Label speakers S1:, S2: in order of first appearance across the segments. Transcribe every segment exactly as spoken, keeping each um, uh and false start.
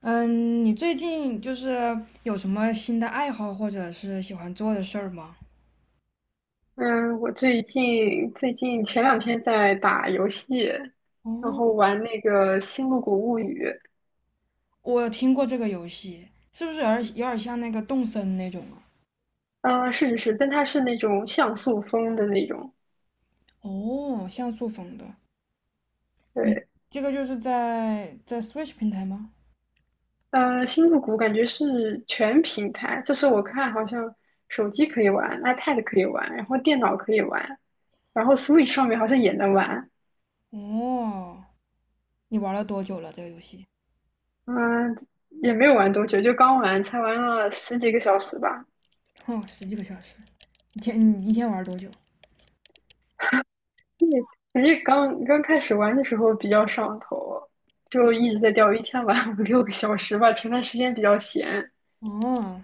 S1: 嗯，你最近就是有什么新的爱好或者是喜欢做的事儿吗？
S2: 嗯，我最近最近前两天在打游戏，然后
S1: 哦，
S2: 玩那个《星露谷物语》。
S1: 我听过这个游戏，是不是有点有点像那个动森那种啊？
S2: 呃，是是是，但它是那种像素风的那种。
S1: 哦，像素风的。你
S2: 对，
S1: 这个就是在在 Switch 平台吗？
S2: 呃，《星露谷》感觉是全平台，就是我看好像手机可以玩，iPad 可以玩，然后电脑可以玩，然后 Switch 上面好像也能玩。
S1: 哦，你玩了多久了这个游戏？
S2: 嗯，也没有玩多久，就刚玩，才玩了十几个小时吧。
S1: 哦，十几个小时。一天你一天玩多久？
S2: 对，感觉刚刚开始玩的时候比较上头，就一直在钓，鱼，一天玩五 六个小时吧。前段时间比较闲，
S1: 哦，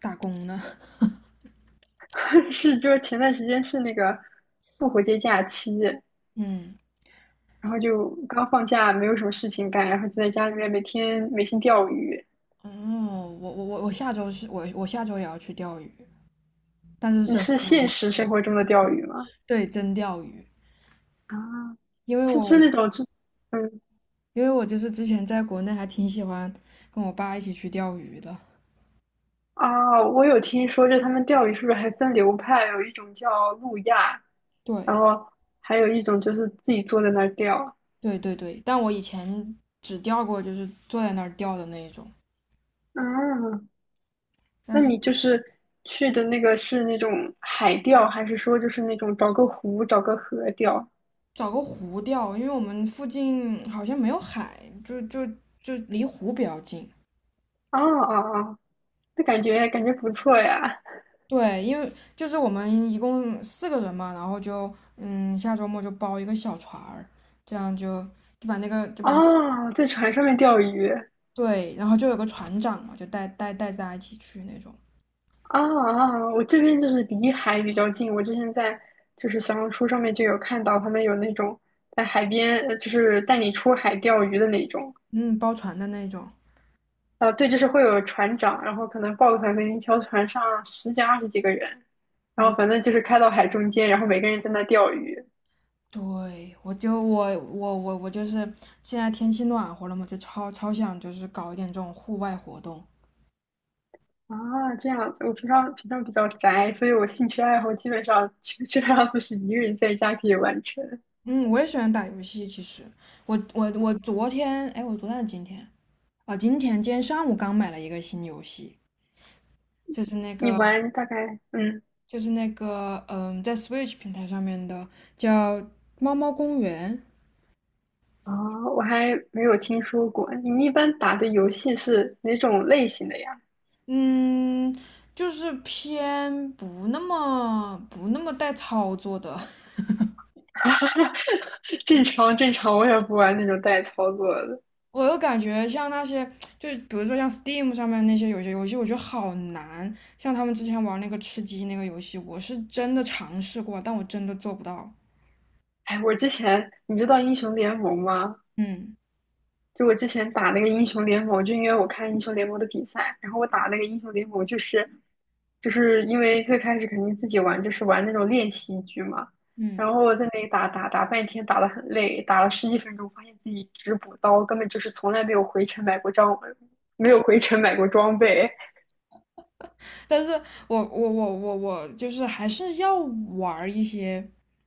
S1: 打工呢？
S2: 是就是前段时间是那个复活节假期，
S1: 嗯，
S2: 然后就刚放假，没有什么事情干，然后就在家里面每天每天钓鱼。
S1: 哦，我我我我下周是我我下周也要去钓鱼，但是是
S2: 你
S1: 真的
S2: 是
S1: 钓鱼，
S2: 现实生活中的钓鱼吗？
S1: 对，真钓鱼。
S2: 啊，
S1: 因为
S2: 是
S1: 我
S2: 是那种就嗯
S1: 因为我就是之前在国内还挺喜欢跟我爸一起去钓鱼的。
S2: 啊，我有听说，就他们钓鱼是不是还分流派？有一种叫路亚，然
S1: 对
S2: 后还有一种就是自己坐在那儿钓。
S1: 对对对，但我以前只钓过就是坐在那儿钓的那一种，
S2: 啊，
S1: 但
S2: 那
S1: 是
S2: 你就是去的那个是那种海钓，还是说就是那种找个湖、找个河钓？
S1: 找个湖钓，因为我们附近好像没有海，就就就离湖比较近。
S2: 啊啊，哦，那感觉感觉不错呀。
S1: 对，因为就是我们一共四个人嘛，然后就嗯下周末就包一个小船儿，这样就就把那个就把
S2: 啊，在船上面钓鱼。
S1: 对，然后就有个船长嘛，就带带带大家一起去那种，
S2: 啊啊，我这边就是离海比较近，我之前在就是小红书上面就有看到他们有那种在海边，呃就是带你出海钓鱼的那种。
S1: 嗯，包船的那种。
S2: 啊，对，就是会有船长，然后可能报个团，可能一条船上十几、二十几个人，然
S1: 嗯，
S2: 后反正就是开到海中间，然后每个人在那钓鱼。
S1: 对，我就我我我我就是现在天气暖和了嘛，就超超想就是搞一点这种户外活动。
S2: 啊，这样子。我平常平常比较宅，所以我兴趣爱好基本上基基本上都是一个人在家可以完成。
S1: 嗯，我也喜欢打游戏，其实我我我昨天，哎，我昨天还是今天啊，今天今天上午刚买了一个新游戏，就是那
S2: 你
S1: 个
S2: 玩大概嗯
S1: 就是那个嗯，在 Switch 平台上面的叫《猫猫公园》，
S2: 啊，哦我还没有听说过。你们一般打的游戏是哪种类型的呀？
S1: 嗯，就是偏不那么不那么带操作的
S2: 正常正常，我也不玩那种带操作的。
S1: 我又感觉像那些，就是比如说像 Steam 上面那些有些游戏，我觉得好难。像他们之前玩那个吃鸡那个游戏，我是真的尝试过，但我真的做不到。
S2: 哎，我之前你知道英雄联盟吗？
S1: 嗯
S2: 就我之前打那个英雄联盟，就因为我看英雄联盟的比赛，然后我打那个英雄联盟，就是就是因为最开始肯定自己玩，就是玩那种练习局嘛，
S1: 嗯，
S2: 然后我在那里打打打半天，打得很累，打了十几分钟，发现自己只补刀，根本就是从来没有回城买过装，没有回城买过装备。
S1: 但是我我我我我就是还是要玩儿一些，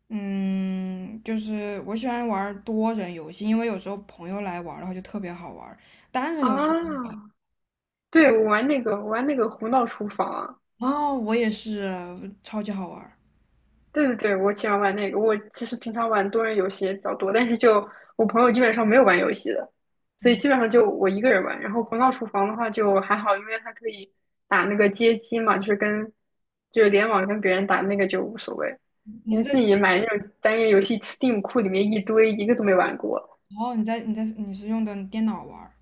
S1: 嗯，就是我喜欢玩儿多人游戏，因为有时候朋友来玩儿的话就特别好玩儿。单人游戏。
S2: 啊！对，我玩那个我玩那个胡闹厨房，
S1: 哦，我也是超级好玩。
S2: 对对对，我喜欢玩那个。我其实平常玩多人游戏也比较多，但是就我朋友基本上没有玩游戏的，所以
S1: 嗯，
S2: 基本上就我一个人玩。然后《头脑厨房》的话就还好，因为它可以打那个街机嘛，就是跟就是联网跟别人打那个就无所谓。
S1: 你
S2: 你
S1: 是
S2: 自
S1: 在？
S2: 己买那种单人游戏，Steam 库里面一堆，一个都没玩过。
S1: 哦，你在你在你是用的电脑玩儿。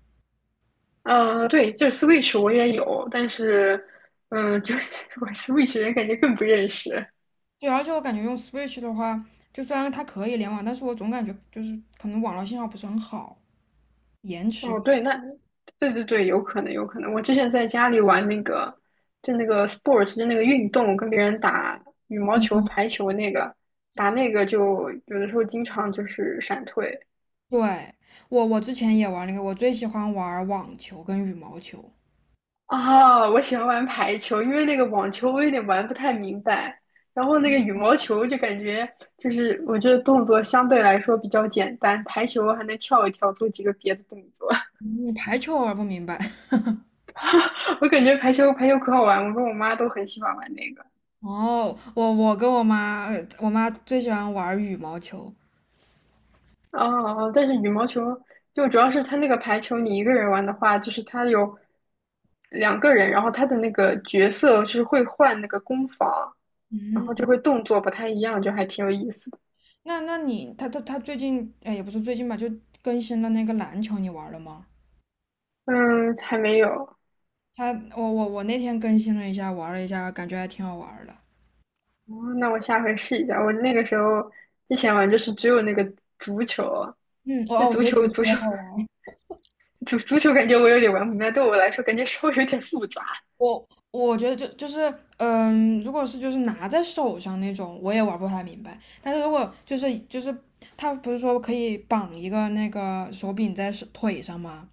S2: 嗯，对，就是 Switch 我也有，但是嗯，就是 我 Switch 人感觉更不认识。
S1: 对，而且我感觉用 Switch 的话，就虽然它可以联网，但是我总感觉就是可能网络信号不是很好，延迟。
S2: 哦，对，那对对对，有可能，有可能。我之前在家里玩那个，就那个 sports,就那个运动，跟别人打羽毛球、排球那个，打那个就有的时候经常就是闪退。
S1: 对，我我之前也玩那个，我最喜欢玩网球跟羽毛球。
S2: 啊。我喜欢玩排球，因为那个网球我有点玩不太明白，然后那个羽毛
S1: 哦，
S2: 球就感觉就是我觉得动作相对来说比较简单，排球还能跳一跳，做几个别的动作。
S1: 你排球玩不明白。
S2: 我感觉排球排球可好玩，我跟我妈都很喜欢玩那个。
S1: 哦，我我跟我妈，呃我妈最喜欢玩羽毛球。
S2: 哦哦，但是羽毛球就主要是它那个排球，你一个人玩的话，就是它有两个人，然后它的那个角色是会换那个攻防，然后
S1: 嗯，
S2: 就会动作不太一样，就还挺有意思的。
S1: 那那你，他他他最近，哎，也不是最近吧，就更新了那个篮球，你玩了吗？
S2: 嗯，还没有。
S1: 他，我我我那天更新了一下，玩了一下，感觉还挺好玩的。
S2: 哦，那我下回试一下。我那个时候之前玩就是只有那个足球，
S1: 嗯，哦
S2: 那
S1: 哦，我觉
S2: 足
S1: 得
S2: 球
S1: 足球
S2: 足
S1: 也
S2: 球
S1: 好 玩。
S2: 足足球感觉我有点玩不明白，对我来说感觉稍微有点复杂。
S1: 我我觉得就就是，嗯，如果是就是拿在手上那种，我也玩不太明白。但是如果就是就是他不是说可以绑一个那个手柄在手腿上吗？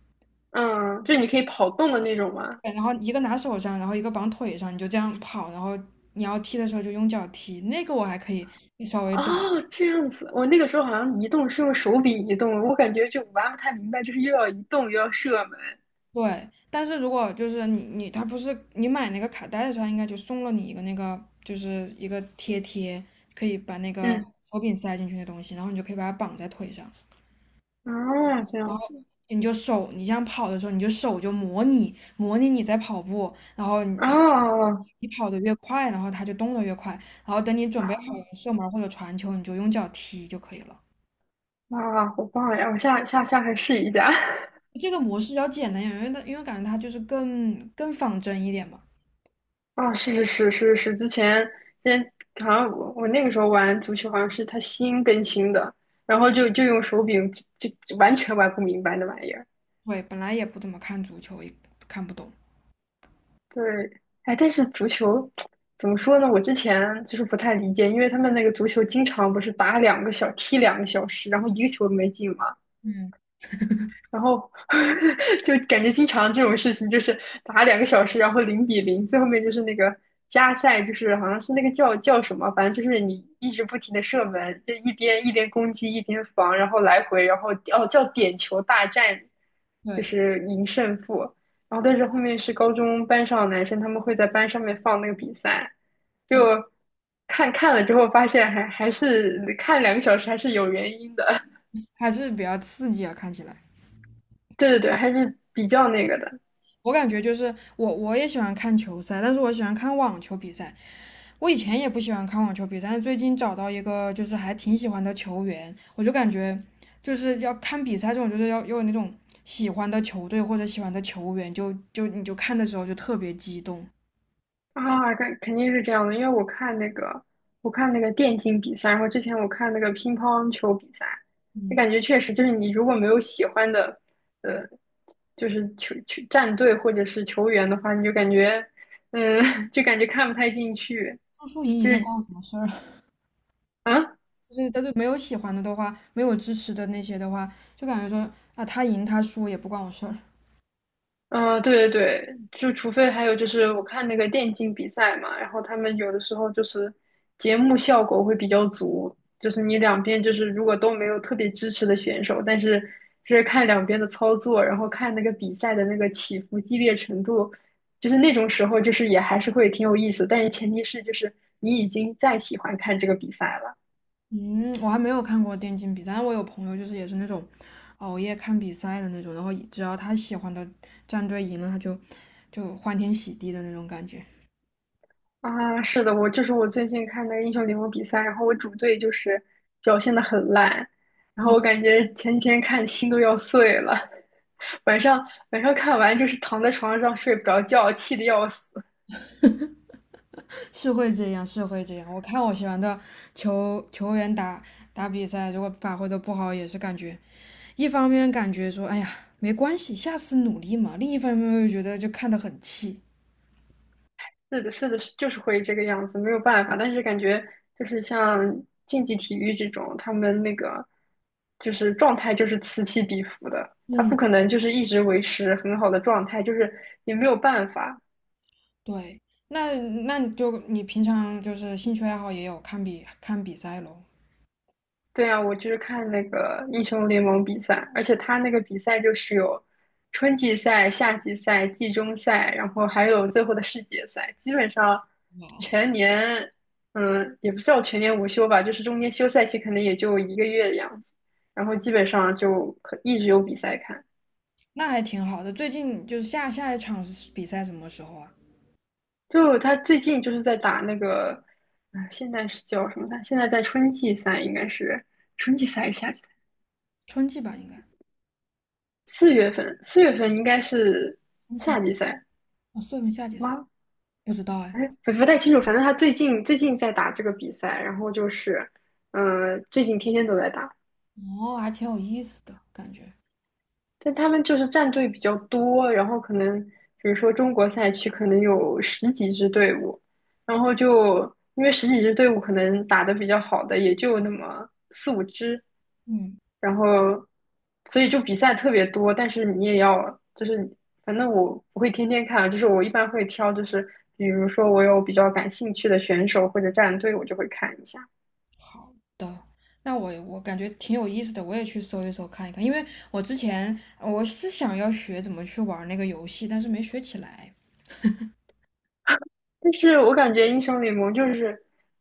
S2: 嗯，就你可以跑动的那种吗？
S1: 对，然后一个拿手上，然后一个绑腿上，你就这样跑，然后你要踢的时候就用脚踢，那个我还可以稍微懂。
S2: 哦，这样子，我那个时候好像移动是用手柄移动，我感觉就玩不太明白，就是又要移动又要射门。
S1: 对，但是如果就是你你他不是你买那个卡带的时候，它应该就送了你一个那个就是一个贴贴，可以把那个
S2: 嗯，
S1: 手柄塞进去的东西，然后你就可以把它绑在腿上。
S2: 哦，这样子，
S1: 你就手，你这样跑的时候，你就手就模拟模拟你在跑步，然后你
S2: 哦，
S1: 你跑得越快，然后它就动得越快，然后等你准备好
S2: 啊，
S1: 射门或者传球，你就用脚踢就可以了。
S2: 哇，好棒呀！我下下下回试一下。
S1: 这个模式要简单一点，因为它因为感觉它就是更更仿真一点嘛。
S2: 哦，是是是是是，之前之前好像我我那个时候玩足球，好像是它新更新的，然后就就用手柄就就完全玩不明白那玩意儿。
S1: 对，本来也不怎么看足球，也看不懂。
S2: 对，哎，但是足球怎么说呢？我之前就是不太理解，因为他们那个足球经常不是打两个小，踢两个小时，然后一个球都没进嘛。
S1: 嗯，
S2: 然后 就感觉经常这种事情，就是打两个小时，然后零比零，最后面就是那个加赛，就是好像是那个叫叫什么，反正就是你一直不停的射门，就一边一边攻击一边防，然后来回，然后哦叫点球大战，就
S1: 对，
S2: 是赢胜负。然后但是后面是高中班上的男生，他们会在班上面放那个比赛，就
S1: 嗯，
S2: 看，看了之后发现还还是看两个小时还是有原因的，
S1: 还是比较刺激啊，看起来。
S2: 对对对，还是比较那个的。
S1: 我感觉就是我我也喜欢看球赛，但是我喜欢看网球比赛，我以前也不喜欢看网球比赛，但最近找到一个就是还挺喜欢的球员，我就感觉就是要看比赛这种，就是要要有那种喜欢的球队或者喜欢的球员，就就你就看的时候就特别激动，
S2: 啊，肯肯定是这样的，因为我看那个，我看那个电竞比赛，然后之前我看那个乒乓球比赛，就感觉确实就是你如果没有喜欢的，呃，就是球球战队或者是球员的话，你就感觉，嗯，就感觉看不太进去，
S1: 输输赢
S2: 就
S1: 赢的
S2: 是，
S1: 关我什么事儿啊？
S2: 啊。
S1: 就是但是没有喜欢的的话，没有支持的那些的话，就感觉说啊他赢他输也不关我事儿。
S2: 嗯，对对对，就除非还有就是我看那个电竞比赛嘛，然后他们有的时候就是节目效果会比较足，就是你两边就是如果都没有特别支持的选手，但是就是看两边的操作，然后看那个比赛的那个起伏激烈程度，就是那种时候就是也还是会挺有意思，但是前提是就是你已经在喜欢看这个比赛了。
S1: 嗯，我还没有看过电竞比赛，但我有朋友就是也是那种熬夜看比赛的那种，然后只要他喜欢的战队赢了，他就就欢天喜地的那种感觉。
S2: 啊，是的，我就是我最近看那个英雄联盟比赛，然后我主队就是表现的很烂，然后
S1: 哦，
S2: 我感觉前几天看心都要碎了，晚上晚上看完就是躺在床上睡不着觉，气得要死。
S1: 是会这样，是会这样。我看我喜欢的球球员打打比赛，如果发挥的不好，也是感觉一方面感觉说，哎呀，没关系，下次努力嘛；另一方面又觉得就看得很气。
S2: 是的，是的，是就是会这个样子，没有办法。但是感觉就是像竞技体育这种，他们那个就是状态就是此起彼伏的，他不
S1: 嗯，
S2: 可能就是一直维持很好的状态，就是也没有办法。
S1: 对。那那你就你平常就是兴趣爱好也有看比看比赛喽？
S2: 对啊，我就是看那个英雄联盟比赛，而且他那个比赛就是有春季赛、夏季赛、季中赛，然后还有最后的世界赛，基本上全年，嗯，也不叫全年无休吧，就是中间休赛期可能也就一个月的样子，然后基本上就可一直有比赛看。
S1: 那还挺好的。最近就是下下一场是比赛什么时候啊？
S2: 就他最近就是在打那个，嗯，现在是叫什么赛？现在在春季赛，应该是春季赛还是夏季赛？
S1: 春季吧，应该
S2: 四月份，四月份应该是
S1: 冬天
S2: 夏季赛，
S1: 啊，算不算夏季赛，
S2: 吗？
S1: 不知道哎。
S2: 哎，我不太清楚，反正他最近最近在打这个比赛，然后就是，嗯、最近天天都在打，
S1: 哦，还挺有意思的感觉。
S2: 但他们就是战队比较多，然后可能比如说中国赛区可能有十几支队伍，然后就因为十几支队伍可能打得比较好的也就那么四五支，
S1: 嗯，
S2: 然后所以就比赛特别多，但是你也要就是反正我不会天天看，就是我一般会挑，就是比如说我有比较感兴趣的选手或者战队，我就会看一下。
S1: 好的。那我我感觉挺有意思的，我也去搜一搜看一看，因为我之前我是想要学怎么去玩那个游戏，但是没学起来。
S2: 但是我感觉英雄联盟就是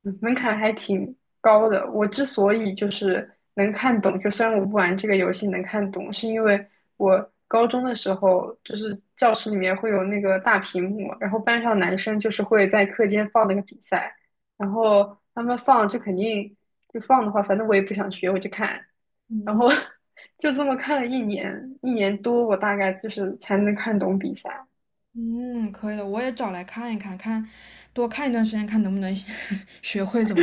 S2: 嗯门槛还挺高的。我之所以就是能看懂，就虽然我不玩这个游戏能看懂，是因为我高中的时候就是教室里面会有那个大屏幕，然后班上男生就是会在课间放那个比赛，然后他们放就肯定就放的话，反正我也不想学，我就看，然后 就这么看了一年一年多，我大概就是才能看懂比赛。
S1: 嗯，可以的，我也找来看一看，看多看一段时间，看能不能 学会怎么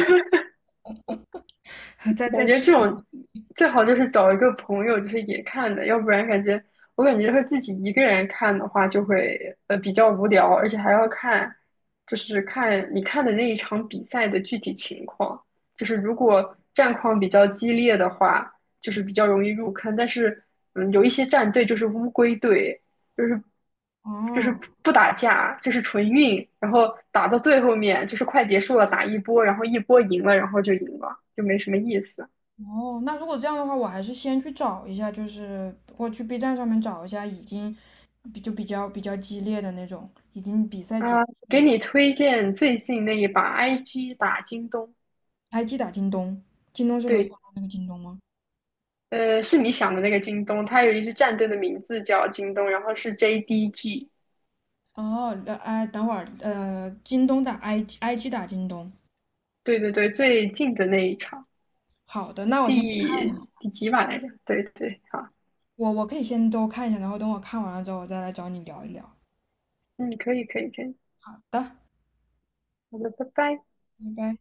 S1: 打，再
S2: 感
S1: 再
S2: 觉这种最好就是找一个朋友，就是也看的，要不然感觉我感觉和自己一个人看的话，就会呃比较无聊，而且还要看，就是看你看的那一场比赛的具体情况。就是如果战况比较激烈的话，就是比较容易入坑。但是嗯，有一些战队就是乌龟队，就是就是不
S1: 哦。
S2: 不打架，就是纯运，然后打到最后面就是快结束了，打一波，然后一波赢了，然后就赢了，就没什么意思。
S1: 哦，那如果这样的话，我还是先去找一下，就是我去 B 站上面找一下已经比就比较比较激烈的那种，已经比赛结束
S2: 啊，
S1: 的。
S2: 给你推荐最近那一把 I G 打京东，
S1: 还击打京东，京东是刘强
S2: 对，
S1: 东那个京东吗？
S2: 呃，是你想的那个京东，它有一支战队的名字叫京东，然后是 J D G,
S1: 哦，呃，哎，等会儿，呃，京东打 i g i g 打京东。
S2: 对对对，最近的那一场，
S1: 好的，那我先去看一
S2: 第
S1: 下，
S2: 第几把来着？对对，好，
S1: 我我可以先都看一下，然后等我看完了之后，我再来找你聊一聊。
S2: 嗯，可以可以可以，
S1: 好的，
S2: 好的，拜拜。
S1: 拜拜。